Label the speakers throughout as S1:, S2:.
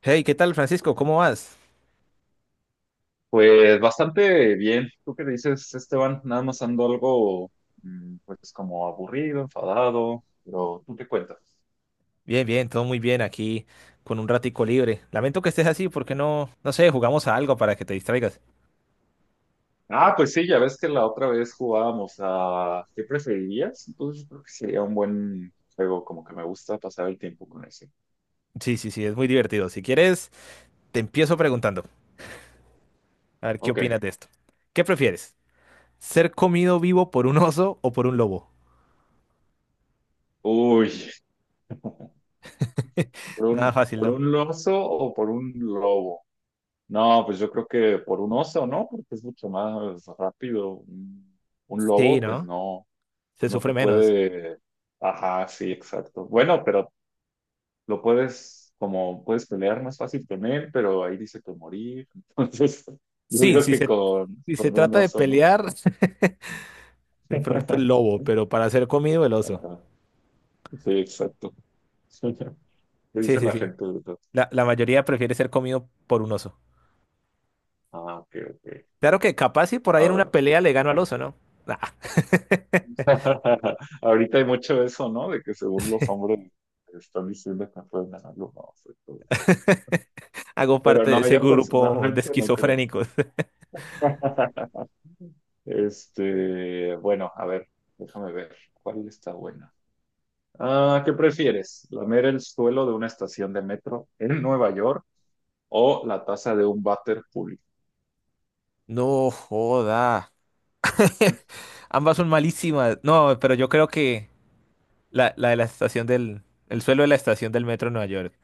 S1: Hey, ¿qué tal, Francisco? ¿Cómo vas?
S2: Pues bastante bien. ¿Tú qué dices, Esteban? Nada más ando algo, pues como aburrido, enfadado, pero tú te cuentas.
S1: Bien, bien, todo muy bien aquí, con un ratico libre. Lamento que estés así, porque no, no sé, jugamos a algo para que te distraigas.
S2: Ah, pues sí, ya ves que la otra vez jugábamos a ¿qué preferirías? Entonces yo creo que sería un buen juego, como que me gusta pasar el tiempo con ese.
S1: Sí, sí, sí, es muy divertido. Si quieres, te empiezo preguntando. A ver, ¿qué
S2: Ok.
S1: opinas de esto? ¿Qué prefieres? ¿Ser comido vivo por un oso o por un lobo?
S2: Uy, ¿por
S1: Nada
S2: un,
S1: fácil,
S2: por
S1: ¿no?
S2: un oso o por un lobo? No, pues yo creo que por un oso, ¿no? Porque es mucho más rápido. Un
S1: Sí,
S2: lobo, pues
S1: ¿no?
S2: no.
S1: Se
S2: No
S1: sufre
S2: te
S1: menos.
S2: puede... Ajá, sí, exacto. Bueno, pero lo puedes, como puedes pelear más fácil con él, pero ahí dice que morir. Entonces, yo
S1: Sí,
S2: digo
S1: si
S2: que
S1: se,
S2: con,
S1: si se
S2: con un
S1: trata de
S2: oso, ¿no?
S1: pelear, de pronto el lobo, pero para ser comido el oso.
S2: Ajá, sí, exacto. ¿Qué
S1: Sí,
S2: dice
S1: sí,
S2: la
S1: sí.
S2: gente? ¿Verdad?
S1: La mayoría prefiere ser comido por un oso.
S2: Ah, ok, ok.
S1: Claro que capaz si por ahí
S2: Ah,
S1: en una
S2: bueno.
S1: pelea le gano al oso, ¿no? Ah,
S2: Ahorita hay mucho eso, ¿no? De que según los hombres están diciendo que no pueden ganarlo, no sé, todo eso.
S1: hago
S2: Pero
S1: parte de
S2: no,
S1: ese
S2: yo
S1: grupo de
S2: personalmente no creo.
S1: esquizofrénicos.
S2: Este, bueno, a ver, déjame ver cuál está buena. Ah, ¿qué prefieres? ¿Lamer el suelo de una estación de metro en Nueva York o la taza de un váter público?
S1: No joda. Ambas son malísimas. No, pero yo creo que la de la estación del... El suelo de la estación del metro de Nueva York.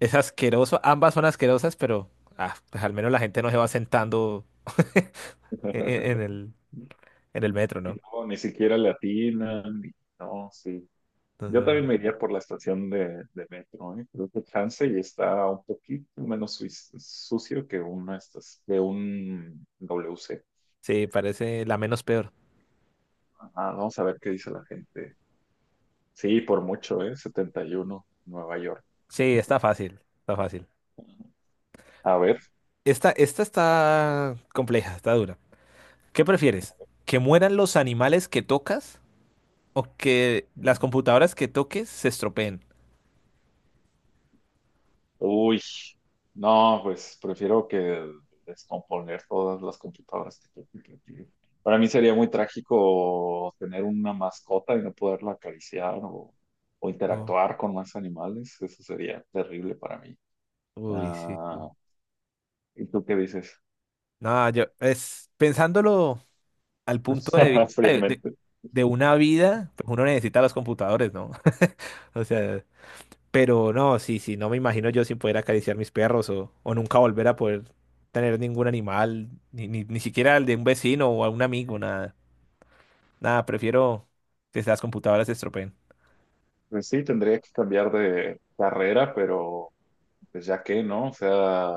S1: Es asqueroso. Ambas son asquerosas, pero pues al menos la gente no se va sentando en, en el, en el metro, ¿no?
S2: No, ni siquiera latinan. No, sí. Yo
S1: Entonces,
S2: también
S1: no.
S2: me iría por la estación de metro, ¿eh? Creo que chance y está un poquito menos sucio que que un WC.
S1: Sí, parece la menos peor.
S2: Ah, vamos a ver qué dice la gente. Sí, por mucho, ¿eh? 71, Nueva York.
S1: Sí, está fácil. Está fácil.
S2: A ver.
S1: Esta está compleja, está dura. ¿Qué prefieres? ¿Que mueran los animales que tocas o que las
S2: Ujú.
S1: computadoras que toques se estropeen?
S2: Uy, no, pues prefiero que descomponer todas las computadoras que tengo que tener. Para mí sería muy trágico tener una mascota y no poderla acariciar o
S1: Uf,
S2: interactuar con más animales. Eso sería terrible para mí.
S1: uy, sí,
S2: Ah,
S1: sí.
S2: ¿y tú qué dices?
S1: No, yo es pensándolo al punto de vista de, de-
S2: Fríamente.
S1: de una vida, pues uno necesita los computadores, ¿no? O sea, pero no, sí, sí, no me imagino yo sin poder acariciar mis perros o nunca volver a poder tener ningún animal, ni siquiera el de un vecino o a un amigo, nada. Nada, prefiero que las computadoras se estropeen.
S2: Pues sí, tendría que cambiar de carrera, pero pues ya que, ¿no? O sea,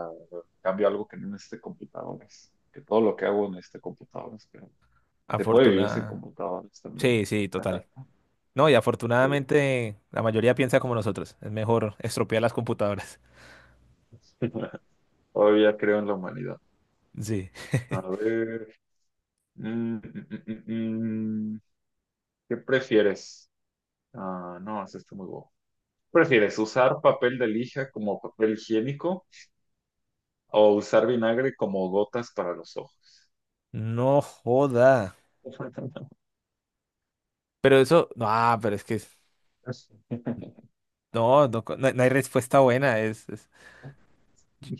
S2: cambio algo que no necesite computadores. Que todo lo que hago en este computador. Se puede vivir sin
S1: Afortunada.
S2: computadoras también.
S1: Sí, sí, total. No, y
S2: Sí.
S1: afortunadamente la mayoría piensa como nosotros. Es mejor estropear las computadoras.
S2: Todavía creo en la humanidad.
S1: Sí.
S2: A ver. mm, mm, mm, mm, mm, ¿Qué prefieres? Ah, no, es está muy bobo. ¿Prefieres usar papel de lija como papel higiénico o usar vinagre como gotas para los ojos?
S1: No joda. Pero eso, no, pero no hay respuesta buena.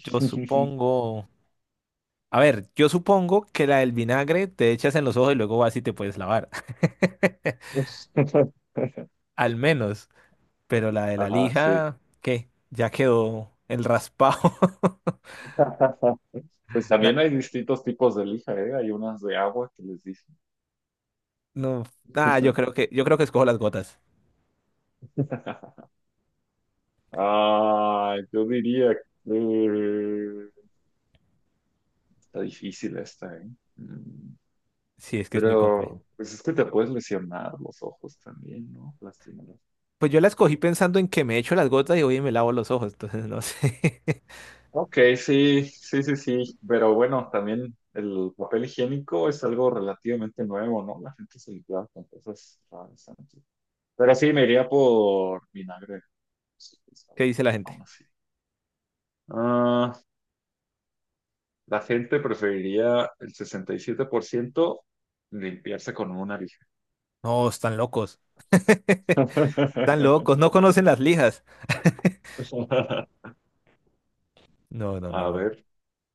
S1: Yo supongo. A ver, yo supongo que la del vinagre te echas en los ojos y luego vas y te puedes lavar. Al menos. Pero la de la
S2: Ajá, sí.
S1: lija, ¿qué? Ya quedó el raspado.
S2: Pues
S1: Na-
S2: también hay distintos tipos de lija, ¿eh? Hay unas de agua que les dicen.
S1: no, yo creo que escojo las gotas.
S2: Ah, yo diría que está difícil esta, ¿eh? Mm,
S1: Sí, es que es muy complejo.
S2: Pero, pues es que te puedes lesionar los ojos también, ¿no? Lastimarlos.
S1: Pues yo la escogí pensando en que me echo las gotas y hoy me lavo los ojos, entonces no sé
S2: Ok, sí, sí, sí, sí. Pero bueno, también el papel higiénico es algo relativamente nuevo, ¿no? La gente se limpia con cosas raras antes. Pero sí, me iría por vinagre. Sí, pues,
S1: qué dice la
S2: aún
S1: gente.
S2: así. Ah, la gente preferiría el 67% limpiarse con una.
S1: No, están locos. Están locos, no conocen las lijas. No, no,
S2: A
S1: no, no.
S2: ver,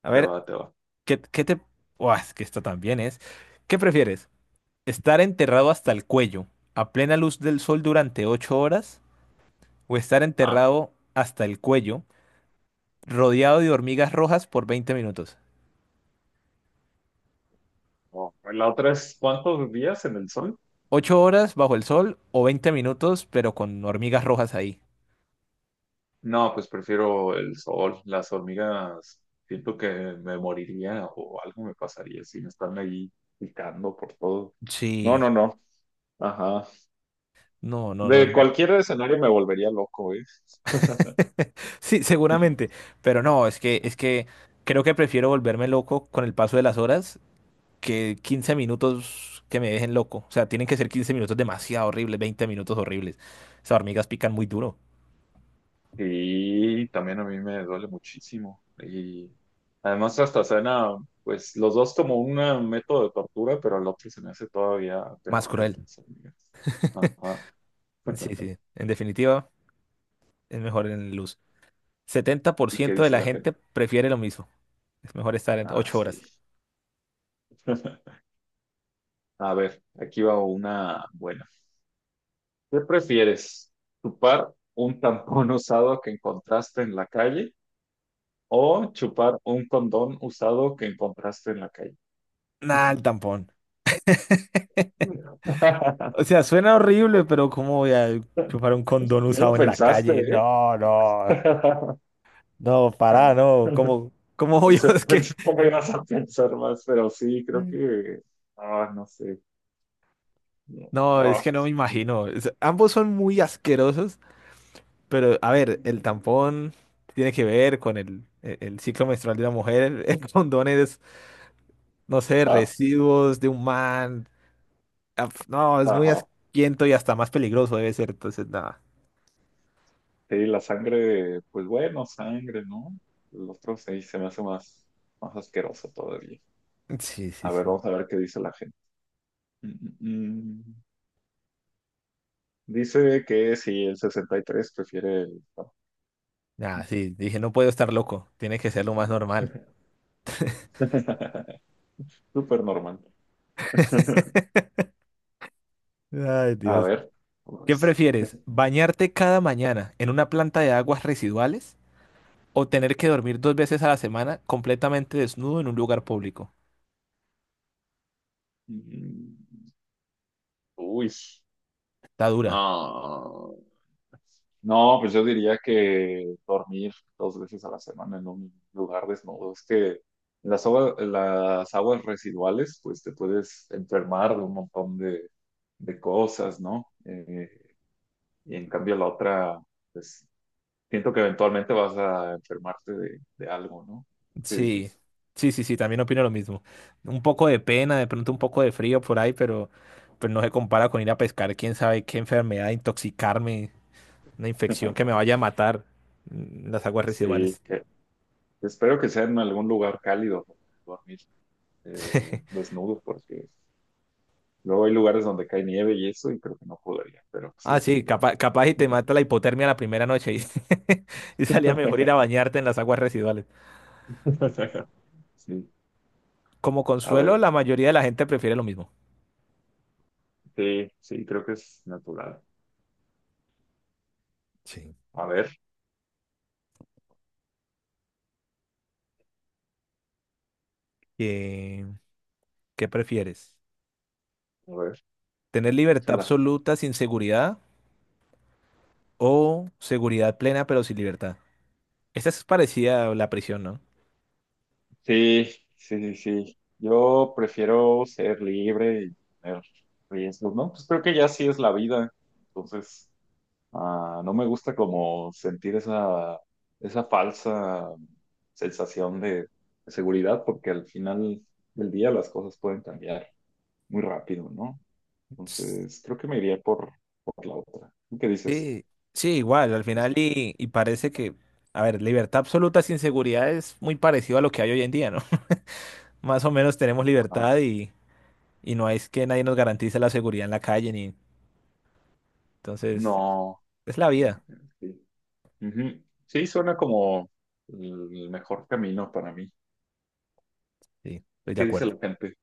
S1: A
S2: te
S1: ver,
S2: va, te va.
S1: ¿qué te... Buah, es que esto también es. ¿Qué prefieres? ¿Estar enterrado hasta el cuello a plena luz del sol durante 8 horas? ¿O estar
S2: Ah,
S1: enterrado hasta el cuello rodeado de hormigas rojas por 20 minutos?
S2: no. La otra es ¿cuántos días en el sol?
S1: ¿Ocho horas bajo el sol o 20 minutos pero con hormigas rojas ahí?
S2: No, pues prefiero el sol. Las hormigas, siento que me moriría o algo me pasaría si me están ahí picando por todo. No,
S1: Sí.
S2: no, no. Ajá.
S1: No, no, no,
S2: De
S1: no.
S2: cualquier escenario me volvería loco, ¿eh?
S1: Sí, seguramente, pero no, es que, creo que prefiero volverme loco con el paso de las horas que 15 minutos que me dejen loco. O sea, tienen que ser 15 minutos demasiado horribles, 20 minutos horribles. Esas hormigas pican muy duro,
S2: Sí, también a mí me duele muchísimo. Y además hasta suena, pues los dos como un método de tortura, pero el otro se me hace todavía
S1: más
S2: peor, el
S1: cruel.
S2: de las hormigas. Ajá.
S1: Sí, sí, en definitiva, es mejor en luz. Setenta por
S2: ¿Y qué
S1: ciento de
S2: dice
S1: la
S2: la gente?
S1: gente prefiere lo mismo. Es mejor estar en
S2: Ah,
S1: 8
S2: sí.
S1: horas.
S2: A ver, aquí va una buena. ¿Qué prefieres? ¿Chupar un tampón usado que encontraste en la calle o chupar un condón usado que encontraste en la calle?
S1: Nah, el tampón. O sea, suena horrible, pero ¿cómo voy a chupar un condón
S2: No lo
S1: usado en la
S2: pensaste,
S1: calle?
S2: ¿eh?
S1: No, no. No, pará, no. ¿Cómo obvio
S2: Pensé, pensé cómo ibas a pensar más, pero sí, creo que, ah, no sé, no,
S1: Es que no me imagino. Ambos son muy asquerosos, pero a ver, el tampón tiene que ver con el ciclo menstrual de la mujer. El condón es, no sé,
S2: ah, ah,
S1: residuos de un man. Ah, pf, no, es muy
S2: ajá.
S1: asquiento y hasta más peligroso debe ser. Entonces, nada.
S2: Sí, la sangre, pues bueno, sangre, ¿no? El otro sí se me hace más, más asqueroso todavía.
S1: Sí, sí,
S2: A ver,
S1: sí.
S2: vamos a ver qué dice la gente. Mm, mm, mm. Dice que sí, el 63 prefiere el... no.
S1: Nada, sí. Dije, no puedo estar loco. Tiene que ser lo más normal.
S2: Súper normal.
S1: Ay,
S2: A
S1: Dios.
S2: ver,
S1: ¿Qué
S2: vamos.
S1: prefieres? ¿Bañarte cada mañana en una planta de aguas residuales o tener que dormir dos veces a la semana completamente desnudo en un lugar público?
S2: Mm, Uy.
S1: Está dura.
S2: Ah, no, pues yo diría que dormir dos veces a la semana en un lugar desnudo. Es que las aguas residuales, pues te puedes enfermar de un montón de cosas, ¿no? Y en cambio la otra, pues siento que eventualmente vas a enfermarte de algo, ¿no? ¿Qué
S1: Sí,
S2: dices?
S1: sí, sí, sí, también opino lo mismo. Un poco de pena, de pronto un poco de frío por ahí, pero, no se compara con ir a pescar, quién sabe qué enfermedad, intoxicarme, una infección que me vaya a matar, las aguas
S2: Sí,
S1: residuales.
S2: que espero que sea en algún lugar cálido donde dormir desnudo, porque luego hay lugares donde cae nieve y eso, y creo que no podría, pero
S1: Ah,
S2: sí,
S1: sí,
S2: igual.
S1: capaz y te mata la hipotermia la primera noche y, y salía mejor ir a bañarte en las aguas residuales.
S2: Sí,
S1: Como
S2: a
S1: consuelo,
S2: ver,
S1: la mayoría de la gente prefiere lo mismo.
S2: sí, sí, creo que es natural.
S1: Sí.
S2: A ver,
S1: Eh, ¿Qué prefieres?
S2: a ver,
S1: Tener libertad
S2: échala.
S1: absoluta sin seguridad o seguridad plena pero sin libertad. Esta es parecida a la prisión, ¿no?
S2: Sí, sí, sí, sí. Yo prefiero ser libre y tener riesgos, ¿no? Pues creo que ya sí es la vida. Entonces, ah, no me gusta como sentir esa, falsa sensación de seguridad, porque al final del día las cosas pueden cambiar muy rápido, ¿no? Entonces, creo que me iría por la otra. ¿Tú qué dices?
S1: Sí, sí, igual, al final y parece que, a ver, libertad absoluta sin seguridad es muy parecido a lo que hay hoy en día, ¿no? Más o menos tenemos
S2: Ajá.
S1: libertad y no es que nadie nos garantice la seguridad en la calle, ni... Entonces,
S2: No.
S1: es la
S2: Mm.
S1: vida.
S2: Sí. Ujú. Sí, suena como el mejor camino para mí.
S1: Sí, estoy de
S2: ¿Qué dice
S1: acuerdo.
S2: la gente?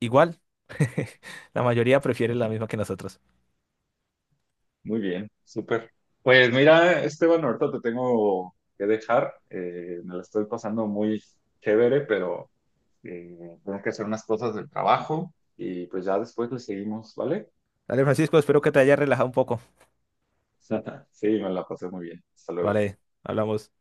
S1: Igual, la mayoría prefiere la
S2: Ujú.
S1: misma que nosotros.
S2: Muy bien, súper. Pues mira, Esteban, ahorita te tengo que dejar. Me la estoy pasando muy chévere, pero tengo que hacer unas cosas del trabajo y pues ya después le seguimos, ¿vale?
S1: Dale, Francisco, espero que te haya relajado un poco.
S2: Sí, me la pasé muy bien. Hasta luego.
S1: Vale, hablamos.